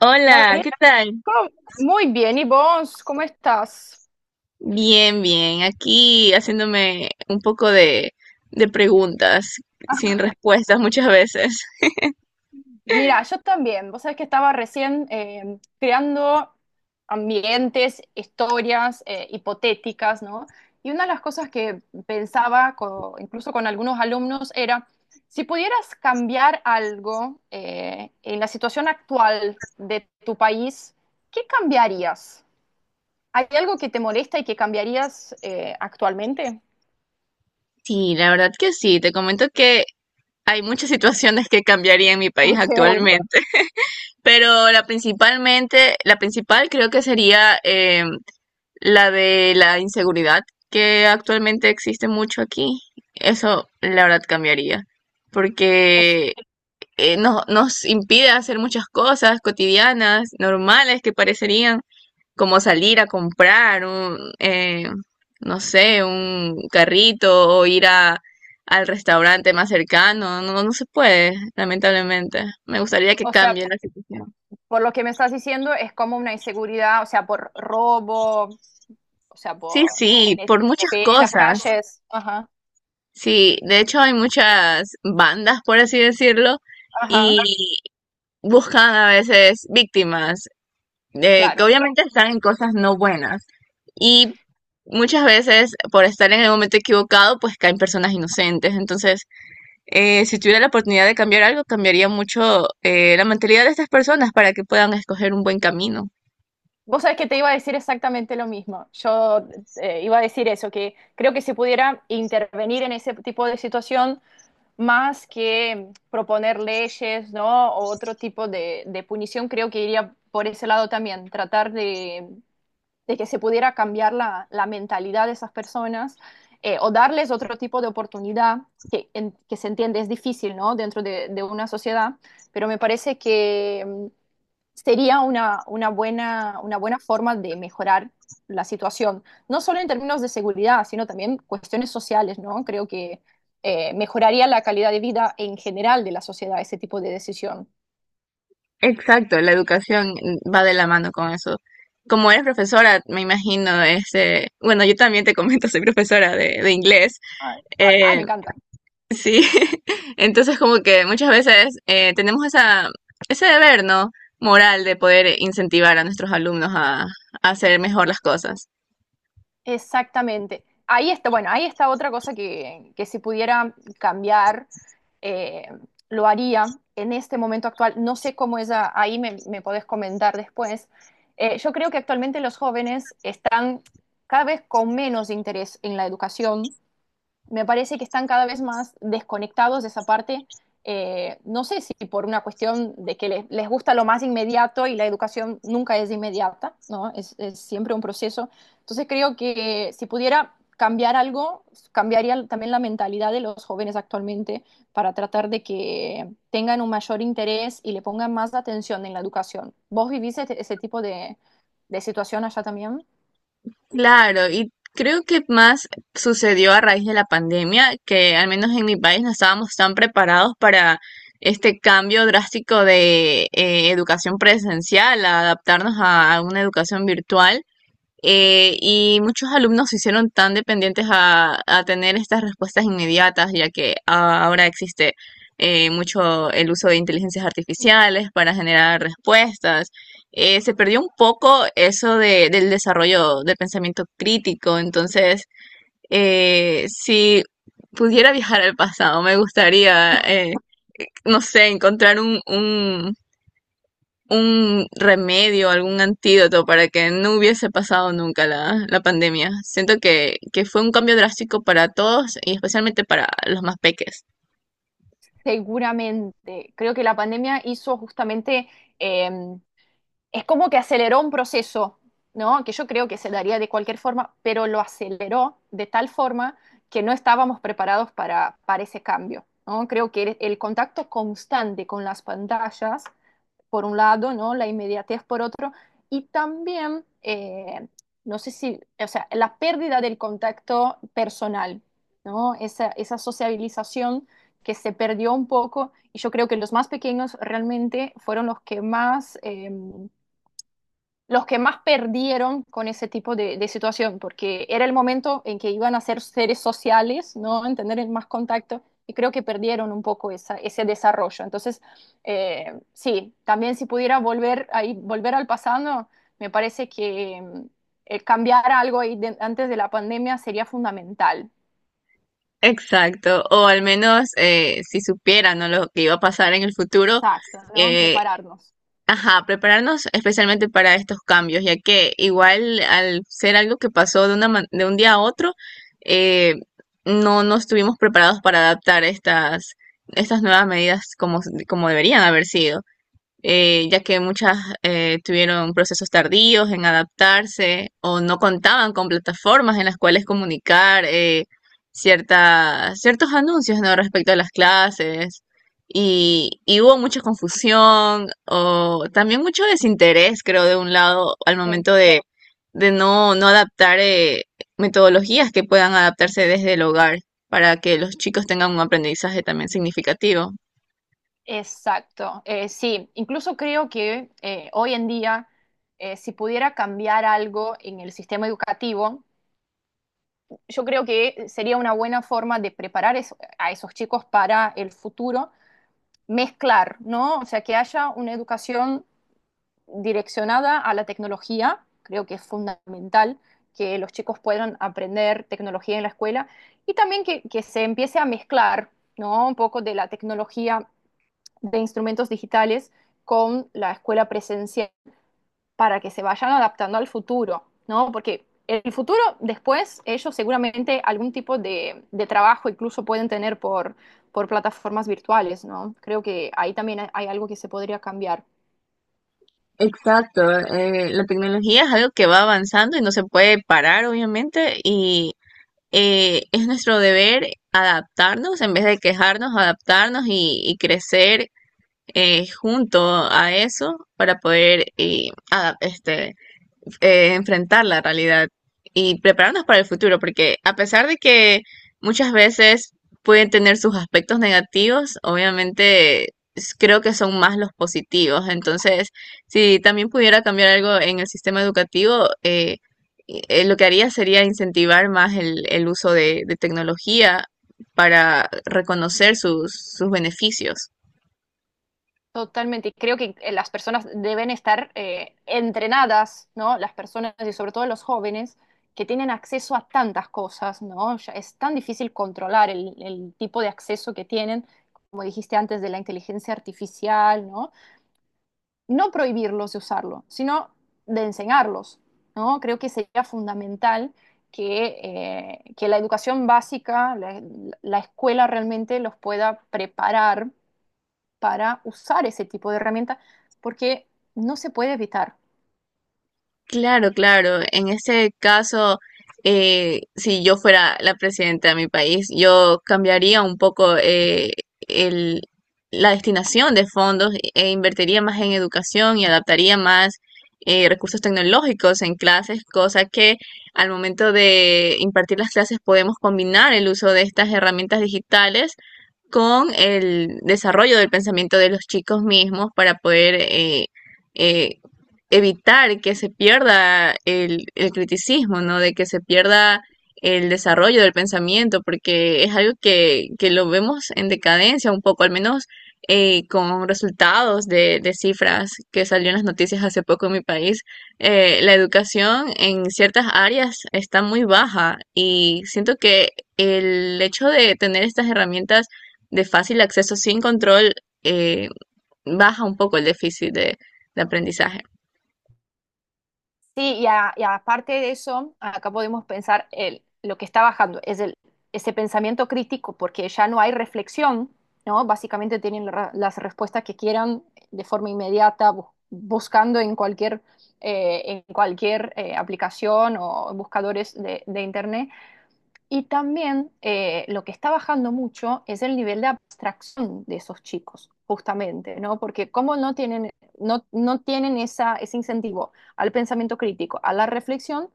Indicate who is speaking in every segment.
Speaker 1: Hola,
Speaker 2: Gabriel,
Speaker 1: ¿qué tal?
Speaker 2: ¿cómo? Muy bien. ¿Y vos? ¿Cómo estás?
Speaker 1: Bien, bien. Aquí haciéndome un poco de preguntas
Speaker 2: Ah,
Speaker 1: sin respuestas muchas veces.
Speaker 2: mira, yo también. Vos sabés que estaba recién creando ambientes, historias hipotéticas, ¿no? Y una de las cosas que pensaba, incluso con algunos alumnos, era si pudieras cambiar algo en la situación actual de tu país, ¿qué cambiarías? ¿Hay algo que te molesta y que cambiarías actualmente?
Speaker 1: Sí, la verdad que sí. Te comento que hay muchas situaciones que cambiaría en mi país
Speaker 2: Ok.
Speaker 1: actualmente, pero la principal creo que sería, la de la inseguridad que actualmente existe mucho aquí. Eso la verdad cambiaría,
Speaker 2: O,
Speaker 1: porque nos impide hacer muchas cosas cotidianas, normales que parecerían, como salir a comprar un, no sé, un carrito o ir al restaurante más cercano. No se puede, lamentablemente. Me gustaría que
Speaker 2: o sea,
Speaker 1: cambie la situación.
Speaker 2: por lo que me estás diciendo, es como una inseguridad, o sea, por robo, o sea,
Speaker 1: Sí,
Speaker 2: por...
Speaker 1: sí, por muchas
Speaker 2: Sí, en las
Speaker 1: cosas.
Speaker 2: calles. Ajá,
Speaker 1: Sí, de hecho hay muchas bandas, por así decirlo, y
Speaker 2: ajá,
Speaker 1: buscan a veces víctimas, que
Speaker 2: claro.
Speaker 1: obviamente están en cosas no buenas. Y muchas veces, por estar en el momento equivocado, pues caen personas inocentes. Entonces, si tuviera la oportunidad de cambiar algo, cambiaría mucho, la mentalidad de estas personas para que puedan escoger un buen camino.
Speaker 2: Vos sabés que te iba a decir exactamente lo mismo. Yo iba a decir eso, que creo que se pudiera intervenir en ese tipo de situación más que proponer leyes, ¿no? O otro tipo de punición, creo que iría por ese lado también, tratar de que se pudiera cambiar la mentalidad de esas personas o darles otro tipo de oportunidad que, que se entiende es difícil, ¿no? Dentro de una sociedad, pero me parece que sería una buena forma de mejorar la situación, no solo en términos de seguridad, sino también cuestiones sociales, ¿no? Creo que mejoraría la calidad de vida en general de la sociedad ese tipo de decisión.
Speaker 1: Exacto, la educación va de la mano con eso. Como eres profesora, me imagino, este, bueno, yo también te comento, soy profesora de inglés.
Speaker 2: Ay, ay, me encanta.
Speaker 1: Sí, entonces como que muchas veces, ese deber, ¿no? Moral de poder incentivar a nuestros alumnos a hacer mejor las cosas.
Speaker 2: Exactamente. Ahí está, bueno, ahí está otra cosa que si pudiera cambiar, eh, lo haría en este momento actual. No sé cómo es, ahí me, me podés comentar después. Yo creo que actualmente los jóvenes están cada vez con menos interés en la educación. Me parece que están cada vez más desconectados de esa parte. No sé si por una cuestión de que les gusta lo más inmediato y la educación nunca es inmediata, ¿no? Es siempre un proceso. Entonces creo que si pudiera cambiar algo, cambiaría también la mentalidad de los jóvenes actualmente para tratar de que tengan un mayor interés y le pongan más atención en la educación. ¿Vos vivís ese tipo de situación allá también?
Speaker 1: Claro, y creo que más sucedió a raíz de la pandemia, que al menos en mi país no estábamos tan preparados para este cambio drástico de, educación presencial, a adaptarnos a una educación virtual. Y muchos alumnos se hicieron tan dependientes a tener estas respuestas inmediatas, ya que ahora existe, mucho el uso de inteligencias artificiales para generar respuestas. Se perdió un poco del desarrollo del pensamiento crítico. Entonces, si pudiera viajar al pasado, me gustaría, no sé, encontrar un remedio, algún antídoto para que no hubiese pasado nunca la, la pandemia. Siento que fue un cambio drástico para todos y especialmente para los más peques.
Speaker 2: Seguramente. Creo que la pandemia hizo justamente, eh, es como que aceleró un proceso, ¿no? Que yo creo que se daría de cualquier forma, pero lo aceleró de tal forma que no estábamos preparados para ese cambio, ¿no? Creo que el contacto constante con las pantallas por un lado, ¿no? La inmediatez por otro, y también, no sé si, o sea, la pérdida del contacto personal, ¿no? Esa sociabilización que se perdió un poco, y yo creo que los más pequeños realmente fueron los que más perdieron con ese tipo de situación, porque era el momento en que iban a ser seres sociales, ¿no? En tener el más contacto, y creo que perdieron un poco esa, ese desarrollo. Entonces, sí, también si pudiera volver, ahí, volver al pasado, me parece que cambiar algo ahí antes de la pandemia sería fundamental.
Speaker 1: Exacto, o al menos, si supieran, ¿no?, lo que iba a pasar en el futuro.
Speaker 2: Exacto, ¿no?
Speaker 1: eh,
Speaker 2: Prepararnos.
Speaker 1: ajá, Prepararnos especialmente para estos cambios, ya que igual al ser algo que pasó de un día a otro. eh, no estuvimos preparados para adaptar estas nuevas medidas como deberían haber sido. Ya que muchas, tuvieron procesos tardíos en adaptarse o no contaban con plataformas en las cuales comunicar, ciertos anuncios, ¿no?, respecto a las clases. Y hubo mucha confusión o también mucho desinterés, creo, de un lado al
Speaker 2: Sí.
Speaker 1: momento de no, no adaptar, metodologías que puedan adaptarse desde el hogar para que los chicos tengan un aprendizaje también significativo.
Speaker 2: Exacto, sí, incluso creo que hoy en día, si pudiera cambiar algo en el sistema educativo, yo creo que sería una buena forma de preparar a esos chicos para el futuro, mezclar, ¿no? O sea, que haya una educación direccionada a la tecnología, creo que es fundamental que los chicos puedan aprender tecnología en la escuela y también que se empiece a mezclar, ¿no? Un poco de la tecnología de instrumentos digitales con la escuela presencial para que se vayan adaptando al futuro, ¿no? Porque en el futuro, después, ellos seguramente algún tipo de trabajo incluso pueden tener por plataformas virtuales, ¿no? Creo que ahí también hay algo que se podría cambiar.
Speaker 1: Exacto, la tecnología es algo que va avanzando y no se puede parar, obviamente, y, es nuestro deber adaptarnos en vez de quejarnos, adaptarnos y crecer, junto a eso para poder enfrentar la realidad y prepararnos para el futuro, porque a pesar de que muchas veces pueden tener sus aspectos negativos, obviamente, creo que son más los positivos. Entonces, si también pudiera cambiar algo en el sistema educativo, lo que haría sería incentivar más el uso de tecnología para reconocer sus, sus beneficios.
Speaker 2: Totalmente, creo que las personas deben estar entrenadas, ¿no? Las personas y sobre todo los jóvenes que tienen acceso a tantas cosas, ¿no? Ya es tan difícil controlar el tipo de acceso que tienen, como dijiste antes, de la inteligencia artificial, ¿no? No prohibirlos de usarlo, sino de enseñarlos, ¿no? Creo que sería fundamental que la educación básica, la escuela realmente los pueda preparar para usar ese tipo de herramienta porque no se puede evitar.
Speaker 1: Claro, claro. En este caso, si yo fuera la presidenta de mi país, yo cambiaría un poco, el- la destinación de fondos e invertiría más en educación y adaptaría más, recursos tecnológicos en clases, cosa que al momento de impartir las clases podemos combinar el uso de estas herramientas digitales con el desarrollo del pensamiento de los chicos mismos para poder eh, evitar que se pierda el criticismo, ¿no? De que se pierda el desarrollo del pensamiento, porque es algo que lo vemos en decadencia un poco, al menos, eh, con resultados de cifras que salió en las noticias hace poco en mi país. La educación en ciertas áreas está muy baja y siento que el hecho de tener estas herramientas de fácil acceso sin control, eh, baja un poco el déficit de aprendizaje.
Speaker 2: Sí, y, y aparte de eso, acá podemos pensar el, lo que está bajando, es el, ese pensamiento crítico, porque ya no hay reflexión, ¿no? Básicamente tienen las respuestas que quieran de forma inmediata, buscando en cualquier aplicación o buscadores de Internet. Y también lo que está bajando mucho es el nivel de abstracción de esos chicos, justamente, ¿no? Porque como no tienen, no, no tienen esa, ese incentivo al pensamiento crítico, a la reflexión,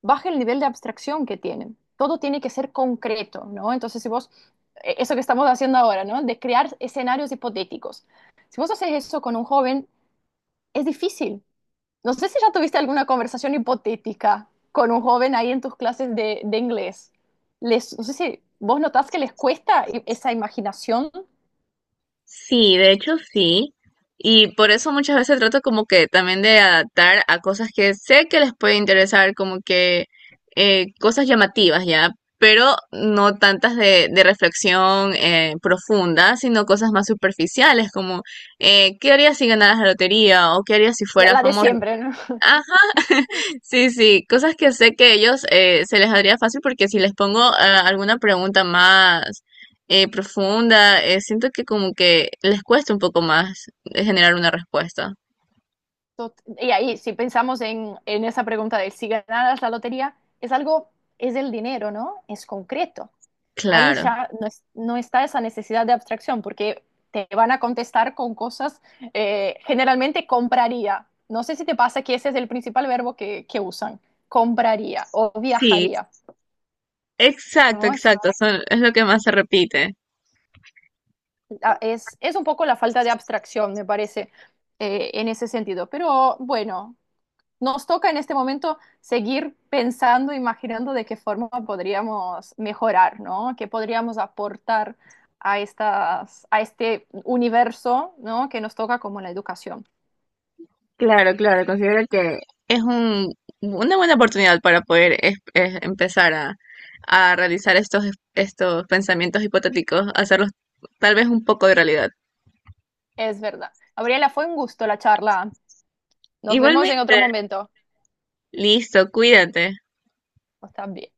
Speaker 2: baja el nivel de abstracción que tienen. Todo tiene que ser concreto, ¿no? Entonces, si vos, eso que estamos haciendo ahora, ¿no? De crear escenarios hipotéticos. Si vos haces eso con un joven, es difícil, no sé si ya tuviste alguna conversación hipotética con un joven ahí en tus clases de inglés. Les, no sé si vos notás que les cuesta esa imaginación,
Speaker 1: Sí, de hecho sí. Y por eso muchas veces trato como que también de adaptar a cosas que sé que les puede interesar, como que, cosas llamativas ya, pero no tantas de reflexión, profunda, sino cosas más superficiales como, ¿qué harías si ganaras la lotería?, o ¿qué harías si fueras
Speaker 2: la de
Speaker 1: famoso?
Speaker 2: siempre, ¿no?
Speaker 1: Ah. Sí, sí, cosas que sé que ellos, se les haría fácil, porque si les pongo, ah, alguna pregunta más, profunda, siento que como que les cuesta un poco más, generar una respuesta.
Speaker 2: Y ahí, si pensamos en esa pregunta de si ganaras la lotería, es algo, es el dinero, ¿no? Es concreto. Ahí
Speaker 1: Claro.
Speaker 2: ya no, no está esa necesidad de abstracción, porque te van a contestar con cosas, generalmente compraría. No sé si te pasa que ese es el principal verbo que usan, compraría o
Speaker 1: Sí,
Speaker 2: viajaría,
Speaker 1: exacto,
Speaker 2: ¿no? Es,
Speaker 1: exacto, son, es lo que más se repite.
Speaker 2: ah, es un poco la falta de abstracción, me parece, en ese sentido. Pero bueno, nos toca en este momento seguir pensando, imaginando de qué forma podríamos mejorar, ¿no? ¿Qué podríamos aportar a estas, a este universo, ¿no? Que nos toca como la educación.
Speaker 1: Claro, claro, considero que es un, una buena oportunidad para poder es empezar a realizar estos pensamientos hipotéticos, hacerlos tal vez un poco de realidad.
Speaker 2: Es verdad. Gabriela, fue un gusto la charla. Nos vemos en
Speaker 1: Igualmente.
Speaker 2: otro momento.
Speaker 1: Listo, cuídate.
Speaker 2: Está bien.